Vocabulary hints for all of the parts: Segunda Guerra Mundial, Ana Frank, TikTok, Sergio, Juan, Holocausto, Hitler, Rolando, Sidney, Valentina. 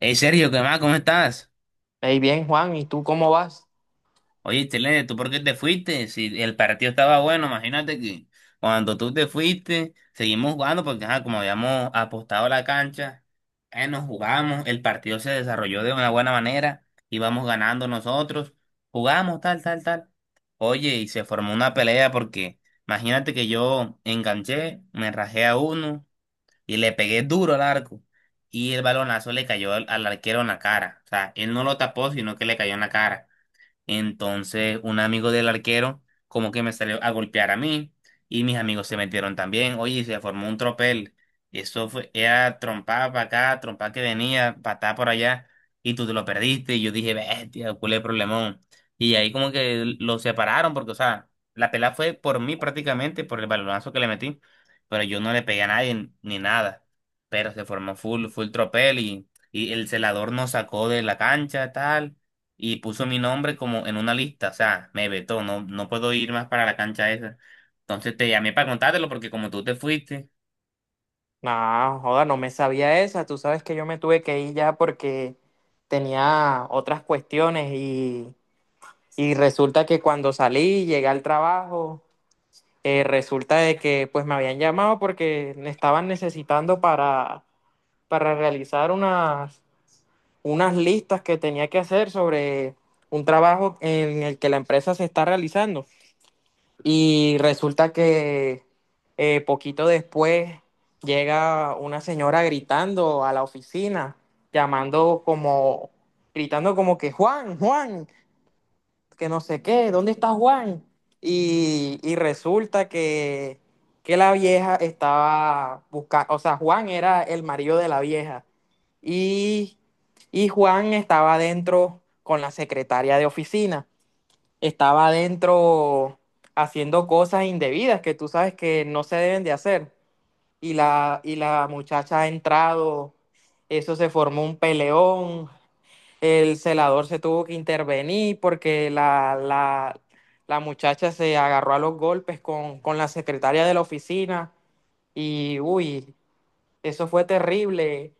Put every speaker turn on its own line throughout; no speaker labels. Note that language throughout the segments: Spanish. Hey Sergio, ¿qué más? ¿Cómo estás?
Hey, bien, Juan, ¿y tú cómo vas?
Oye, Chile, ¿tú por qué te fuiste? Si el partido estaba bueno, imagínate que cuando tú te fuiste, seguimos jugando porque ajá, como habíamos apostado la cancha, nos jugamos, el partido se desarrolló de una buena manera, íbamos ganando nosotros, jugamos tal, tal, tal. Oye, y se formó una pelea porque imagínate que yo enganché, me rajé a uno, y le pegué duro al arco y el balonazo le cayó al arquero en la cara. O sea, él no lo tapó, sino que le cayó en la cara. Entonces, un amigo del arquero como que me salió a golpear a mí y mis amigos se metieron también. Oye, se formó un tropel. Y eso fue, era trompada para acá, trompada que venía, patada por allá y tú te lo perdiste. Y yo dije, bestia, ¿cuál es el problemón? Y ahí como que lo separaron porque, o sea, la pelea fue por mí prácticamente, por el balonazo que le metí, pero yo no le pegué a nadie ni nada. Pero se formó full, full tropel y el celador nos sacó de la cancha, tal, y puso mi nombre como en una lista, o sea, me vetó, no, no puedo ir más para la cancha esa. Entonces te llamé para contártelo porque como tú te fuiste,
Nah, joda, no me sabía esa. Tú sabes que yo me tuve que ir ya porque tenía otras cuestiones y resulta que cuando salí, llegué al trabajo, resulta de que pues me habían llamado porque me estaban necesitando para realizar unas listas que tenía que hacer sobre un trabajo en el que la empresa se está realizando. Y resulta que poquito después llega una señora gritando a la oficina, llamando como, gritando como que Juan, Juan, que no sé qué, ¿dónde está Juan? Y resulta que la vieja estaba buscando, o sea, Juan era el marido de la vieja y, y Juan estaba adentro con la secretaria de oficina, estaba adentro haciendo cosas indebidas que tú sabes que no se deben de hacer. Y la muchacha ha entrado, eso se formó un peleón, el celador se tuvo que intervenir porque la muchacha se agarró a los golpes con la secretaria de la oficina y uy, eso fue terrible.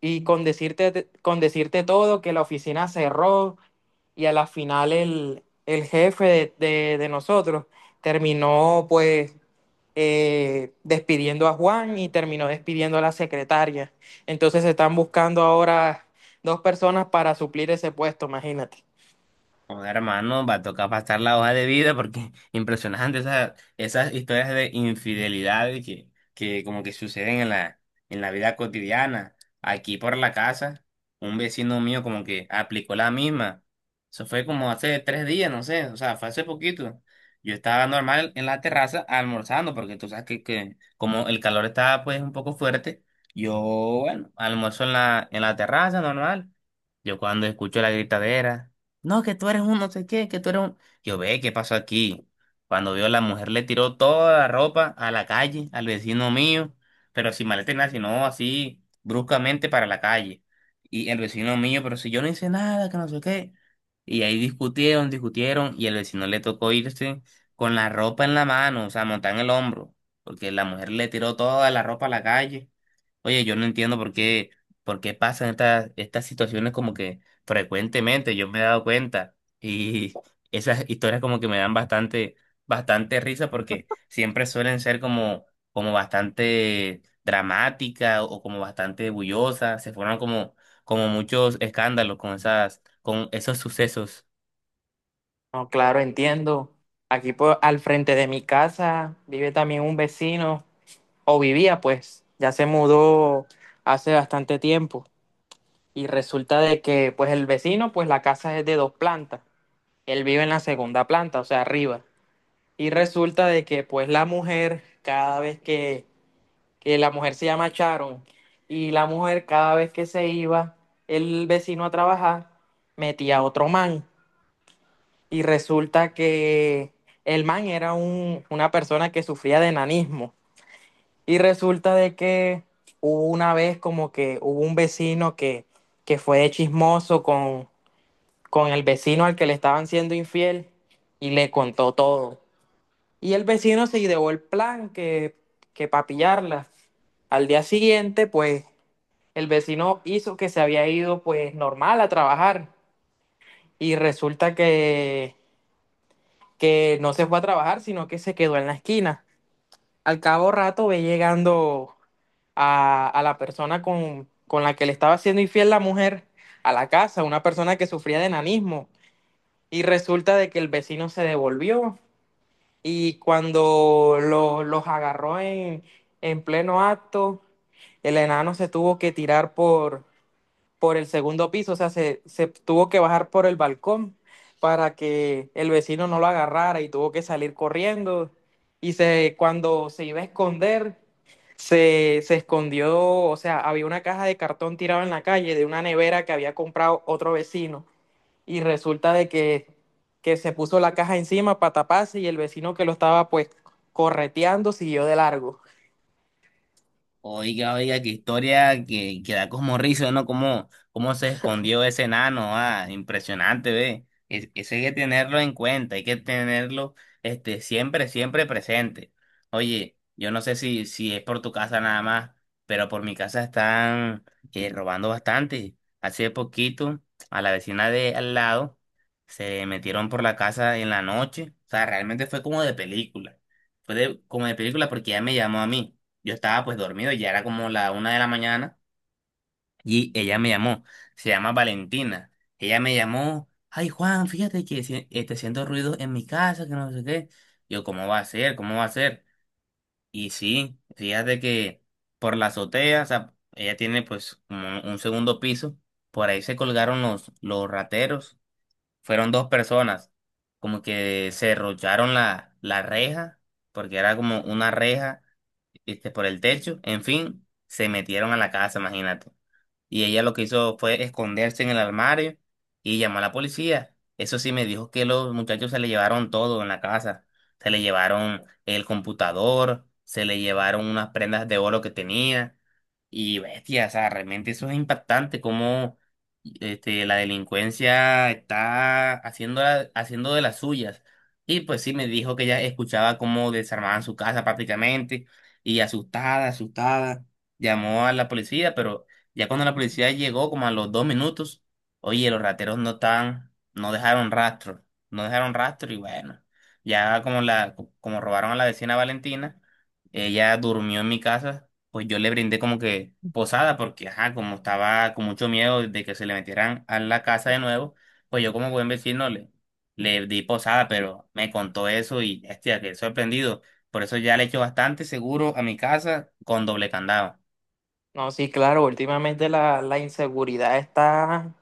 Con decirte todo, que la oficina cerró y a la final el jefe de nosotros terminó pues despidiendo a Juan y terminó despidiendo a la secretaria. Entonces se están buscando ahora dos personas para suplir ese puesto, imagínate.
joder, hermano, va a tocar pasar la hoja de vida porque impresionante esas, esas historias de infidelidad y que como que suceden en la vida cotidiana. Aquí por la casa, un vecino mío como que aplicó la misma. Eso fue como hace 3 días, no sé, o sea, fue hace poquito. Yo estaba normal en la terraza almorzando porque tú sabes que como el calor estaba pues un poco fuerte, yo, bueno, almuerzo en la terraza normal. Yo cuando escucho la gritadera. No, que tú eres un no sé qué, que tú eres un... Yo ve, ¿qué pasó aquí? Cuando vio la mujer le tiró toda la ropa a la calle, al vecino mío, pero sin maleta ni nada, sino así bruscamente para la calle. Y el vecino mío, pero si yo no hice nada, que no sé qué. Y ahí discutieron, discutieron, y el vecino le tocó irse con la ropa en la mano, o sea, montada en el hombro, porque la mujer le tiró toda la ropa a la calle. Oye, yo no entiendo por qué pasan estas, estas situaciones como que frecuentemente, yo me he dado cuenta y esas historias como que me dan bastante, bastante risa porque siempre suelen ser como, como bastante dramática o como bastante bullosas, se forman como, como muchos escándalos con esas, con esos sucesos.
No, claro, entiendo. Aquí al frente de mi casa vive también un vecino, o vivía pues, ya se mudó hace bastante tiempo. Y resulta de que pues el vecino, pues la casa es de dos plantas. Él vive en la segunda planta, o sea, arriba. Y resulta de que pues la mujer, que la mujer se llama Sharon, y la mujer cada vez que se iba el vecino a trabajar, metía a otro man. Y resulta que el man era una persona que sufría de enanismo. Y resulta de que hubo una vez como que hubo un vecino que fue de chismoso con el vecino al que le estaban siendo infiel y le contó todo. Y el vecino se ideó el plan que para pillarla. Al día siguiente, pues, el vecino hizo que se había ido, pues, normal a trabajar. Y resulta que no se fue a trabajar, sino que se quedó en la esquina. Al cabo rato ve llegando a la persona con la que le estaba siendo infiel la mujer a la casa, una persona que sufría de enanismo. Y resulta de que el vecino se devolvió. Y cuando los agarró en pleno acto, el enano se tuvo que tirar por el segundo piso, o sea, se tuvo que bajar por el balcón para que el vecino no lo agarrara y tuvo que salir corriendo. Cuando se iba a esconder, se escondió, o sea, había una caja de cartón tirada en la calle de una nevera que había comprado otro vecino y resulta de que se puso la caja encima para taparse y el vecino que lo estaba pues correteando siguió de largo.
Oiga, oiga, qué historia que da como risa, ¿no? Cómo, cómo se escondió ese enano, ah, impresionante, ve. Es- eso hay que tenerlo en cuenta, hay que tenerlo, este, siempre, siempre presente. Oye, yo no sé si, si es por tu casa nada más, pero por mi casa están robando bastante. Hace poquito, a la vecina de al lado, se metieron por la casa en la noche. O sea, realmente fue como de película. Fue de- como de película porque ella me llamó a mí. Yo estaba pues dormido, ya era como la una de la mañana y ella me llamó, se llama Valentina. Ella me llamó, ay Juan, fíjate que si- este, siento ruido en mi casa, que no sé qué. Yo, ¿cómo va a ser? ¿Cómo va a ser? Y sí, fíjate que por la azotea, o sea, ella tiene pues como un segundo piso, por ahí se colgaron los rateros, fueron 2 personas, como que se derrocharon la reja, porque era como una reja, viste, por el techo. En fin, se metieron a la casa, imagínate. Y ella lo que hizo fue esconderse en el armario y llamó a la policía. Eso sí, me dijo que los muchachos se le llevaron todo en la casa. Se le llevaron el computador, se le llevaron unas prendas de oro que tenía. Y bestia, o sea, realmente eso es impactante, cómo, este, la delincuencia está haciendo, la- haciendo de las suyas. Y pues sí, me dijo que ella escuchaba cómo desarmaban su casa prácticamente y asustada, asustada, llamó a la policía, pero... Ya cuando la policía llegó, como a los 2 minutos, oye, los rateros no estaban, no dejaron rastro, no dejaron rastro y bueno, ya como la, como robaron a la vecina Valentina, ella durmió en mi casa, pues yo le brindé como que posada porque, ajá, como estaba con mucho miedo de que se le metieran a la casa de nuevo, pues yo como buen vecino le, le di posada, pero me contó eso y, hostia, quedé sorprendido. Por eso ya le echo bastante seguro a mi casa con doble candado.
No, sí, claro, últimamente la inseguridad está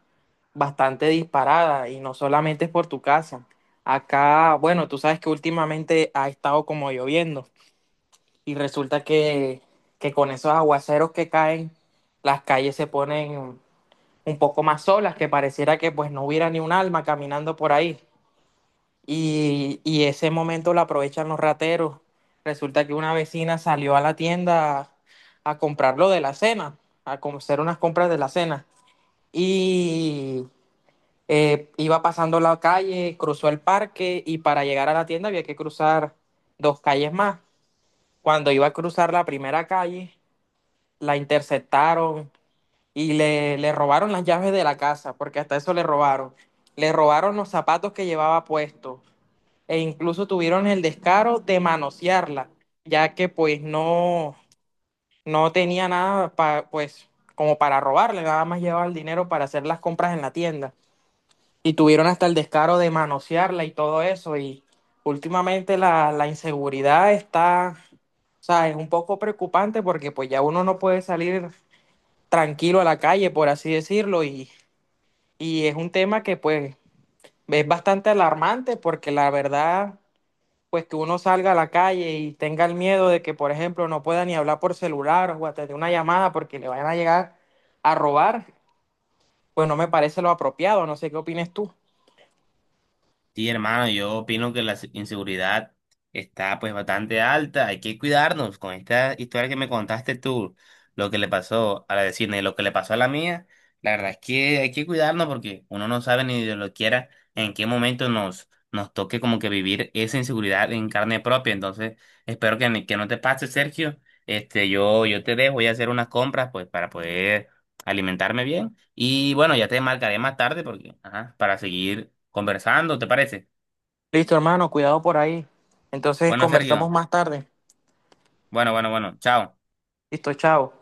bastante disparada y no solamente es por tu casa. Acá, bueno, tú sabes que últimamente ha estado como lloviendo y resulta que con esos aguaceros que caen, las calles se ponen un poco más solas, que pareciera que pues no hubiera ni un alma caminando por ahí. Y y ese momento lo aprovechan los rateros. Resulta que una vecina salió a la tienda a comprar lo de la cena, hacer unas compras de la cena. Y iba pasando la calle, cruzó el parque y para llegar a la tienda había que cruzar dos calles más. Cuando iba a cruzar la primera calle, la interceptaron y le robaron las llaves de la casa, porque hasta eso le robaron. Le robaron los zapatos que llevaba puestos e incluso tuvieron el descaro de manosearla, ya que pues no tenía nada pues como para robarle, nada más llevaba el dinero para hacer las compras en la tienda. Y tuvieron hasta el descaro de manosearla y todo eso. Y últimamente la inseguridad está, o sea, es un poco preocupante porque pues ya uno no puede salir tranquilo a la calle, por así decirlo. Y es un tema que pues es bastante alarmante porque la verdad pues que uno salga a la calle y tenga el miedo de que, por ejemplo, no pueda ni hablar por celular o atender una llamada porque le vayan a llegar a robar, pues no me parece lo apropiado. No sé qué opines tú.
Sí, hermano, yo opino que la se- inseguridad está pues bastante alta, hay que cuidarnos con esta historia que me contaste tú, lo que le pasó a la de Sidney, lo que le pasó a la mía, la verdad es que hay que cuidarnos porque uno no sabe ni de lo quiera en qué momento nos, nos toque como que vivir esa inseguridad en carne propia, entonces espero que, ni- que no te pase, Sergio, este, yo te dejo, voy a hacer unas compras pues para poder alimentarme bien. Y bueno, ya te marcaré más tarde porque, ajá, para seguir conversando, ¿te parece?
Listo, hermano, cuidado por ahí. Entonces
Bueno,
conversamos
Sergio.
más tarde.
Bueno, bueno, bueno. Chao.
Listo, chao.